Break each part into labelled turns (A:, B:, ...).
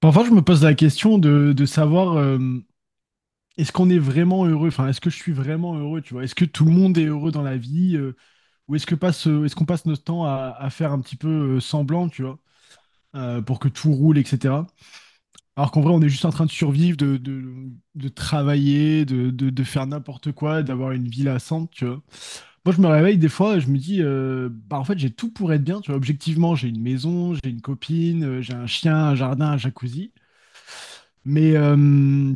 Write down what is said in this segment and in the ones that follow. A: Parfois, je me pose la question de savoir est-ce qu'on est vraiment heureux? Enfin, est-ce que je suis vraiment heureux, tu vois? Est-ce que tout le monde est heureux dans la vie? Ou est-ce qu'on passe notre temps à faire un petit peu semblant, tu vois, pour que tout roule, etc. Alors qu'en vrai, on est juste en train de survivre, de travailler, de faire n'importe quoi, d'avoir une vie lassante, tu vois. Moi, je me réveille des fois et je me dis, bah, en fait, j'ai tout pour être bien, tu vois. Objectivement, j'ai une maison, j'ai une copine, j'ai un chien, un jardin, un jacuzzi. Mais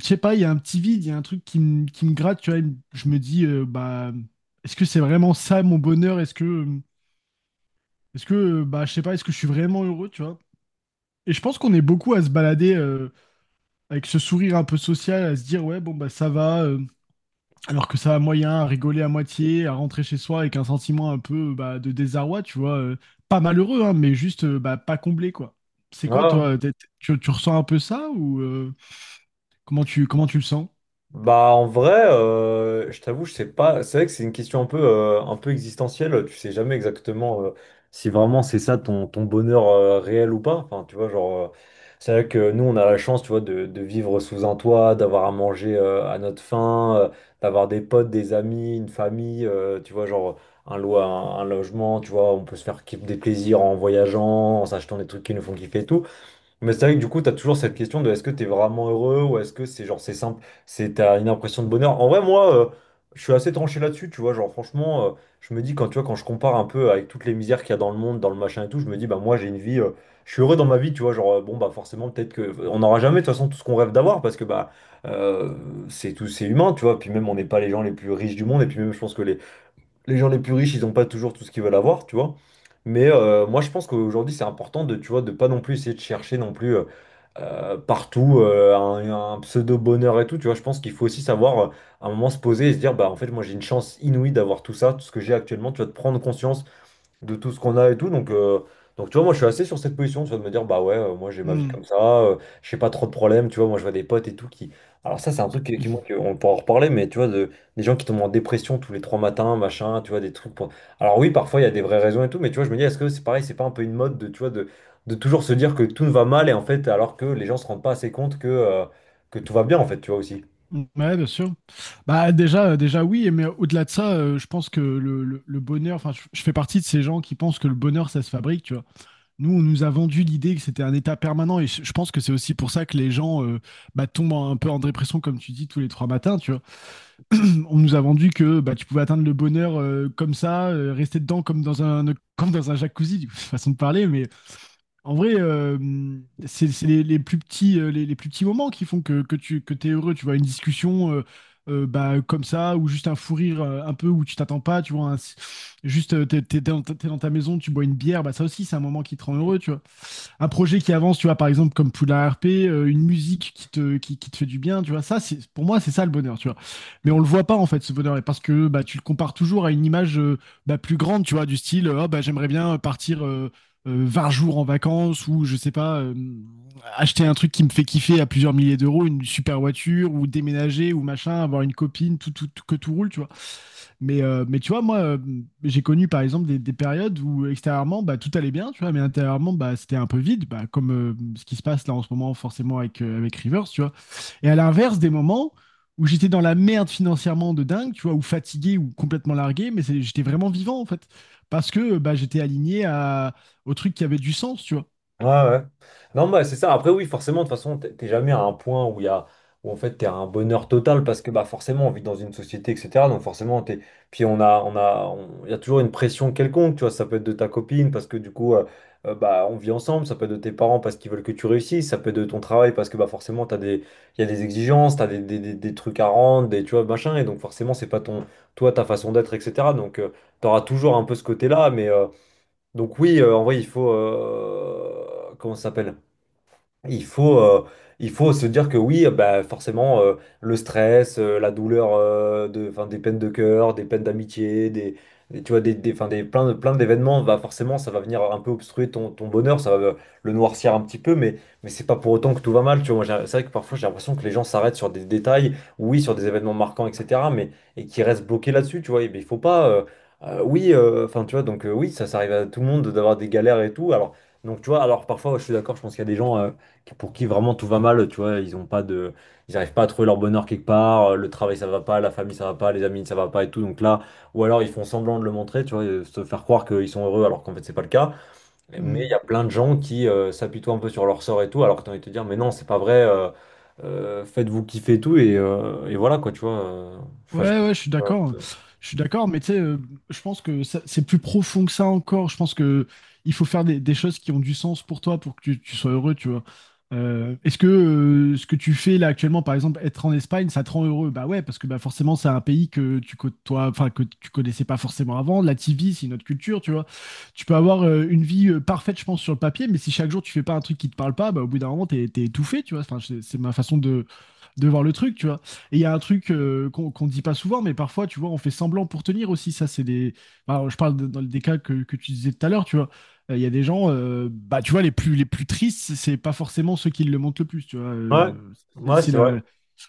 A: je sais pas, il y a un petit vide, il y a un truc qui me gratte, tu vois, je me dis bah est-ce que c'est vraiment ça mon bonheur? Est-ce que bah je sais pas, est-ce que je suis vraiment heureux, tu vois? Et je pense qu'on est beaucoup à se balader avec ce sourire un peu social, à se dire ouais bon bah ça va, alors que ça va moyen, à rigoler à moitié, à rentrer chez soi avec un sentiment un peu bah, de désarroi, tu vois, pas malheureux hein, mais juste bah, pas comblé quoi. C'est quoi
B: Ah.
A: toi? Tu ressens un peu ça ou, comment tu le sens?
B: Bah en vrai, je t'avoue, je sais pas. C'est vrai que c'est une question un peu existentielle. Tu sais jamais exactement si vraiment c'est ça ton bonheur réel ou pas. Enfin, tu vois, genre, c'est vrai que nous, on a la chance, tu vois, de vivre sous un toit, d'avoir à manger à notre faim, d'avoir des potes, des amis, une famille, tu vois, genre un lo- un, un logement, tu vois, on peut se faire des plaisirs en voyageant, en s'achetant des trucs qui nous font kiffer et tout. Mais c'est vrai que du coup, tu as toujours cette question de est-ce que tu es vraiment heureux ou est-ce que c'est genre c'est simple, c'est t'as une impression de bonheur. En vrai, moi, je suis assez tranché là-dessus, tu vois. Genre, franchement, je me dis quand tu vois, quand je compare un peu avec toutes les misères qu'il y a dans le monde, dans le machin et tout, je me dis, bah moi, j'ai une vie, je suis heureux dans ma vie, tu vois. Genre, bon, bah forcément, peut-être que on n'aura jamais de toute façon tout ce qu'on rêve d'avoir parce que bah euh, c'est tout, c'est humain, tu vois. Puis même, on n'est pas les gens les plus riches du monde et puis même, je pense que les gens les plus riches, ils n'ont pas toujours tout ce qu'ils veulent avoir, tu vois. Mais moi, je pense qu'aujourd'hui, c'est important de, tu vois, de pas non plus essayer de chercher non plus. Partout, un pseudo-bonheur et tout, tu vois, je pense qu'il faut aussi savoir à un moment se poser et se dire, bah en fait moi j'ai une chance inouïe d'avoir tout ça, tout ce que j'ai actuellement, tu vas te prendre conscience de tout ce qu'on a et tout. Donc tu vois, moi je suis assez sur cette position, tu vois, de me dire, bah ouais, moi j'ai ma vie
A: Hmm.
B: comme ça, j'ai pas trop de problèmes, tu vois, moi je vois des potes et tout qui. Alors ça, c'est un truc moi, on pourra en reparler, mais tu vois, de, des gens qui tombent en dépression tous les trois matins, machin, tu vois, des trucs pour- Alors oui, parfois il y a des vraies raisons et tout, mais tu vois, je me dis, est-ce que c'est pareil, c'est pas un peu une mode de, tu vois, de toujours se dire que tout va mal et en fait, alors que les gens se rendent pas assez compte que tout va bien, en fait, tu vois aussi.
A: Mm. Ouais, bien sûr. Bah déjà, déjà oui, mais au-delà de ça, je pense que le bonheur, enfin, je fais partie de ces gens qui pensent que le bonheur, ça se fabrique, tu vois. Nous, on nous a vendu l'idée que c'était un état permanent, et je pense que c'est aussi pour ça que les gens bah, tombent un peu en dépression, comme tu dis, tous les trois matins, tu vois. On nous a vendu que bah, tu pouvais atteindre le bonheur comme ça, rester dedans comme dans un jacuzzi, du coup, façon de parler. Mais en vrai, c'est les plus petits, les plus petits moments qui font que t'es heureux. Tu vois, une discussion bah, comme ça, ou juste un fou rire un peu où tu t'attends pas. Tu vois, juste t'es dans ta maison, tu bois une bière. Bah, ça aussi, c'est un moment qui te rend heureux. Tu vois un projet qui avance, tu vois, par exemple, comme Poula RP, une musique qui te fait du bien, tu vois, ça, c'est, pour moi, c'est ça le bonheur, tu vois. Mais on le voit pas, en fait, ce bonheur, et parce que bah, tu le compares toujours à une image bah, plus grande, tu vois, du style, oh, bah, j'aimerais bien partir 20 jours en vacances, ou je sais pas, acheter un truc qui me fait kiffer à plusieurs milliers d'euros, une super voiture, ou déménager, ou machin, avoir une copine, que tout roule, tu vois. Mais tu vois, moi, j'ai connu par exemple des périodes où extérieurement, bah, tout allait bien, tu vois, mais intérieurement, bah, c'était un peu vide, bah, comme ce qui se passe là en ce moment, forcément, avec Rivers, tu vois. Et à l'inverse, des moments où j'étais dans la merde financièrement de dingue, tu vois, ou fatigué ou complètement largué, mais j'étais vraiment vivant, en fait, parce que bah, j'étais aligné au truc qui avait du sens, tu vois.
B: Ouais, ouais. Non, bah, c'est ça. Après, oui, forcément, de toute façon, t'es jamais à un point où il y a, où en fait, t'es à un bonheur total parce que, bah, forcément, on vit dans une société, etc. Donc, forcément, t'es, puis on a, on- il y a toujours une pression quelconque, tu vois. Ça peut être de ta copine parce que, du coup, bah, on vit ensemble. Ça peut être de tes parents parce qu'ils veulent que tu réussisses. Ça peut être de ton travail parce que, bah, forcément, t'as des, il y a des exigences, t'as des trucs à rendre, des, tu vois, machin. Et donc, forcément, c'est pas ton, toi, ta façon d'être, etc. Donc, t'auras toujours un peu ce côté-là, mais, donc oui, en vrai, il faut… comment ça s'appelle? Il faut, euh, il faut se dire que oui, bah, forcément, le stress, la douleur de, 'fin, des peines de cœur, des peines d'amitié, des- tu vois, 'fin, des, plein, plein d'événements, bah, forcément, ça va venir un peu obstruer ton bonheur, ça va le noircir un petit peu, mais c'est pas pour autant que tout va mal. Tu vois, moi, j'ai- c'est vrai que parfois, j'ai l'impression que les gens s'arrêtent sur des détails, oui, sur des événements marquants, etc., mais et qui restent bloqués là-dessus, tu vois. Et, ben, il faut pas. Oui, enfin, tu vois, donc oui, ça arrive à tout le monde d'avoir des galères et tout. Alors, donc, tu vois, alors parfois, je suis d'accord, je pense qu'il y a des gens. Pour qui vraiment tout va mal, tu vois, ils ont pas de, ils arrivent pas à trouver leur bonheur quelque part, le travail ça va pas, la famille ça va pas, les amis ça va pas et tout, donc là, ou alors ils font semblant de le montrer, tu vois, se faire croire qu'ils sont heureux alors qu'en fait c'est pas le cas, mais il y
A: Hmm.
B: a plein de gens qui s'apitoient un peu sur leur sort et tout, alors que t'as envie de te dire, mais non, c'est pas vrai, faites-vous kiffer et tout, et voilà quoi, tu vois, enfin,
A: Ouais,
B: je…
A: ouais, je suis d'accord. Je suis d'accord, mais tu sais, je pense que c'est plus profond que ça encore. Je pense que il faut faire des choses qui ont du sens pour toi, pour que tu sois heureux, tu vois. Est-ce que ce que tu fais là actuellement, par exemple, être en Espagne, ça te rend heureux? Bah ouais, parce que bah forcément, c'est un pays que tu côtoies, enfin que tu connaissais pas forcément avant. La TV, c'est une autre culture, tu vois. Tu peux avoir une vie parfaite, je pense, sur le papier, mais si chaque jour tu fais pas un truc qui te parle pas, bah au bout d'un moment, t'es étouffé, tu vois. Enfin, c'est ma façon de voir le truc, tu vois. Et il y a un truc qu'on dit pas souvent, mais parfois, tu vois, on fait semblant pour tenir aussi. Ça, c'est des. Bah, je parle dans des cas que tu disais tout à l'heure, tu vois. Il y a des gens, bah, tu vois, les plus tristes, c'est pas forcément ceux qui le montrent le plus, tu vois.
B: Ouais, ouais,
A: C'est
B: c'est vrai.
A: la,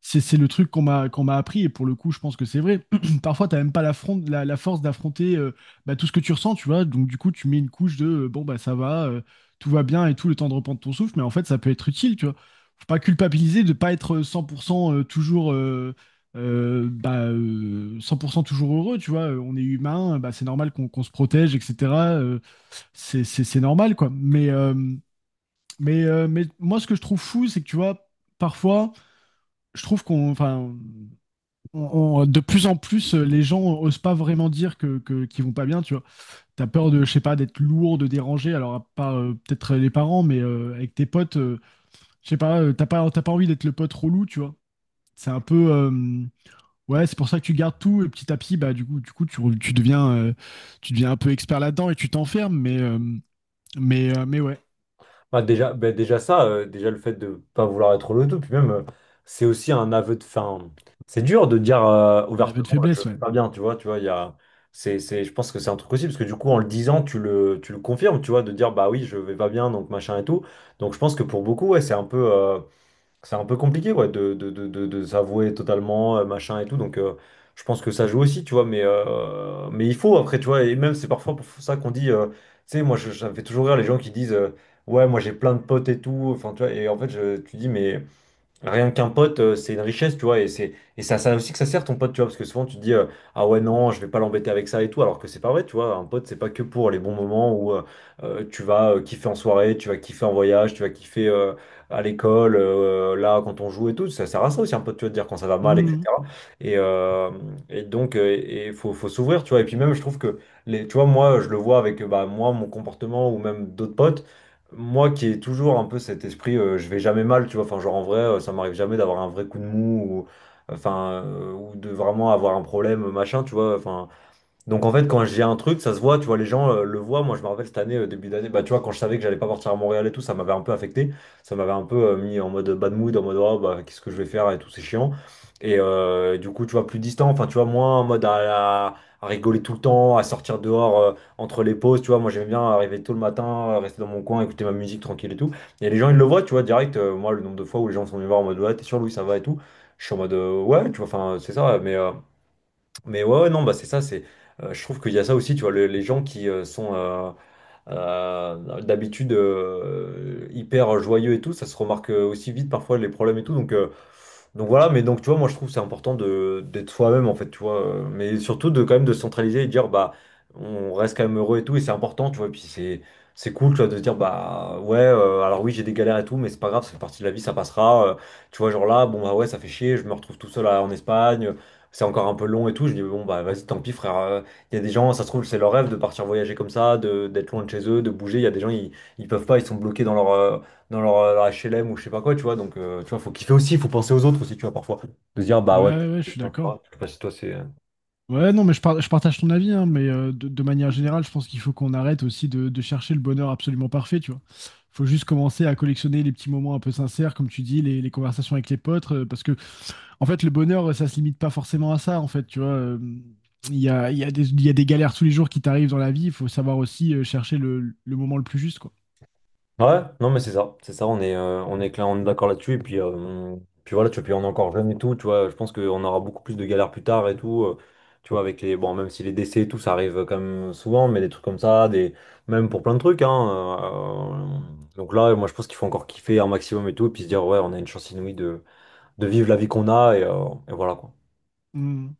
A: c'est le truc qu'on m'a appris, et pour le coup je pense que c'est vrai. Parfois t'as même pas la force d'affronter bah, tout ce que tu ressens, tu vois, donc du coup tu mets une couche de bon bah ça va, tout va bien, et tout le temps de reprendre ton souffle, mais en fait ça peut être utile, tu vois. Faut pas culpabiliser de pas être 100% toujours bah, 100% toujours heureux, tu vois. On est humain, bah, c'est normal qu'on se protège, etc. C'est normal quoi, mais moi ce que je trouve fou c'est que tu vois parfois je trouve qu'on, enfin, de plus en plus, les gens osent pas vraiment dire qu'ils vont pas bien, tu vois. T'as peur de, je sais pas, d'être lourd, de déranger. Alors, à part peut-être les parents, mais avec tes potes, je sais pas, t'as pas envie d'être le pote relou, tu vois. C'est un peu, ouais, c'est pour ça que tu gardes tout et petit à petit, bah du coup, tu deviens, un peu expert là-dedans et tu t'enfermes. Mais ouais,
B: Bah, déjà ça, déjà le fait de pas vouloir être le tout, puis même, c'est aussi un aveu de fin. C'est dur de dire
A: un aveu
B: ouvertement,
A: de
B: je
A: faiblesse,
B: vais
A: ouais.
B: pas bien, tu vois, il y a, c'est, je pense que c'est un truc aussi, parce que du coup, en le disant, tu le confirmes, tu vois, de dire, bah oui, je vais pas bien, donc machin et tout. Donc je pense que pour beaucoup, ouais, c'est un peu… c'est un peu compliqué ouais, de s'avouer totalement, machin et tout. Donc, je pense que ça joue aussi, tu vois. Mais il faut, après, tu vois. Et même, c'est parfois pour ça qu'on dit, tu sais, moi, je- ça me fait toujours rire les gens qui disent, ouais, moi, j'ai plein de potes et tout. Enfin, tu vois. Et en fait, je, tu dis, mais. Rien qu'un pote, c'est une richesse, tu vois, et c'est ça aussi que ça sert ton pote, tu vois, parce que souvent tu te dis ah ouais non, je vais pas l'embêter avec ça et tout, alors que c'est pas vrai, tu vois, un pote c'est pas que pour les bons moments où tu vas kiffer en soirée, tu vas kiffer en voyage, tu vas kiffer à l'école, là quand on joue et tout, ça sert à ça aussi un pote, tu vois, de dire quand ça va mal,
A: Mhm.
B: etc. Et, euh, et donc et faut s'ouvrir, tu vois, et puis même je trouve que les, tu vois, moi je le vois avec bah moi mon comportement ou même d'autres potes. Moi qui ai toujours un peu cet esprit, je vais jamais mal, tu vois, enfin genre en vrai, ça m'arrive jamais d'avoir un vrai coup de mou ou, enfin, ou de vraiment avoir un problème, machin, tu vois, enfin. Donc en fait, quand j'ai un truc, ça se voit, tu vois, les gens le voient. Moi, je me rappelle cette année, début d'année, bah, tu vois, quand je savais que j'allais pas partir à Montréal et tout, ça m'avait un peu affecté. Ça m'avait un peu mis en mode bad mood, en mode, oh, bah, qu'est-ce que je vais faire et tout, c'est chiant. Et du coup, tu vois, plus distant, enfin, tu vois, moins en mode à rigoler tout le temps, à sortir dehors entre les pauses, tu vois. Moi, j'aimais bien arriver tôt le matin, rester dans mon coin, écouter ma musique tranquille et tout. Et les gens, ils le voient, tu vois, direct. Moi, le nombre de fois où les gens sont venus me voir en mode, ouais, t'es sûr, Louis, ça va et tout. Je suis en mode, ouais, tu vois, enfin, c'est ça, mais. Mais ouais, ouais, non, bah c'est ça, c'est, je trouve qu'il y a ça aussi, tu vois, le- les gens qui sont, d'habitude, hyper joyeux et tout, ça se remarque aussi vite parfois les problèmes et tout. Donc voilà, mais donc tu vois, moi je trouve que c'est important de d'être soi-même en fait, tu vois, mais surtout de quand même de se centraliser et de dire bah on reste quand même heureux et tout, et c'est important, tu vois, et puis c'est cool, tu vois, de se dire bah ouais, alors oui, j'ai des galères et tout, mais c'est pas grave, ça fait partie de la vie, ça passera, tu vois, genre là, bon bah ouais, ça fait chier, je me retrouve tout seul en Espagne, c'est encore un peu long et tout, je dis bon bah vas-y, tant pis frère, il y a des gens, ça se trouve, c'est leur rêve de partir voyager comme ça, de, d'être loin de chez eux, de bouger. Il y a des gens, ils peuvent pas, ils sont bloqués dans leur, leur HLM ou je sais pas quoi, tu vois. Donc, tu vois, faut kiffer aussi, faut penser aux autres aussi, tu vois, parfois. De se dire, bah
A: Ouais,
B: ouais,
A: ouais,
B: peut-être
A: ouais, je
B: que les
A: suis
B: gens, c'est pas
A: d'accord.
B: grave. Je sais pas si toi, c'est.
A: Ouais, non, mais je partage ton avis, hein, mais de manière générale, je pense qu'il faut qu'on arrête aussi de chercher le bonheur absolument parfait, tu vois. Faut juste commencer à collectionner les petits moments un peu sincères, comme tu dis, les conversations avec les potes, parce que, en fait, le bonheur, ça se limite pas forcément à ça, en fait, tu vois. Il y a des galères tous les jours qui t'arrivent dans la vie, il faut savoir aussi chercher le moment le plus juste, quoi.
B: Ouais, non mais c'est ça, on est clair, on est d'accord là-dessus, et puis, puis voilà, tu vois, puis on est encore jeune et tout, tu vois, je pense qu'on aura beaucoup plus de galères plus tard et tout, tu vois, avec les, bon, même si les décès et tout, ça arrive quand même souvent, mais des trucs comme ça, des, même pour plein de trucs, hein, donc là, moi je pense qu'il faut encore kiffer un maximum et tout, et puis se dire, ouais, on a une chance inouïe de vivre la vie qu'on a, et voilà, quoi.
A: Mm.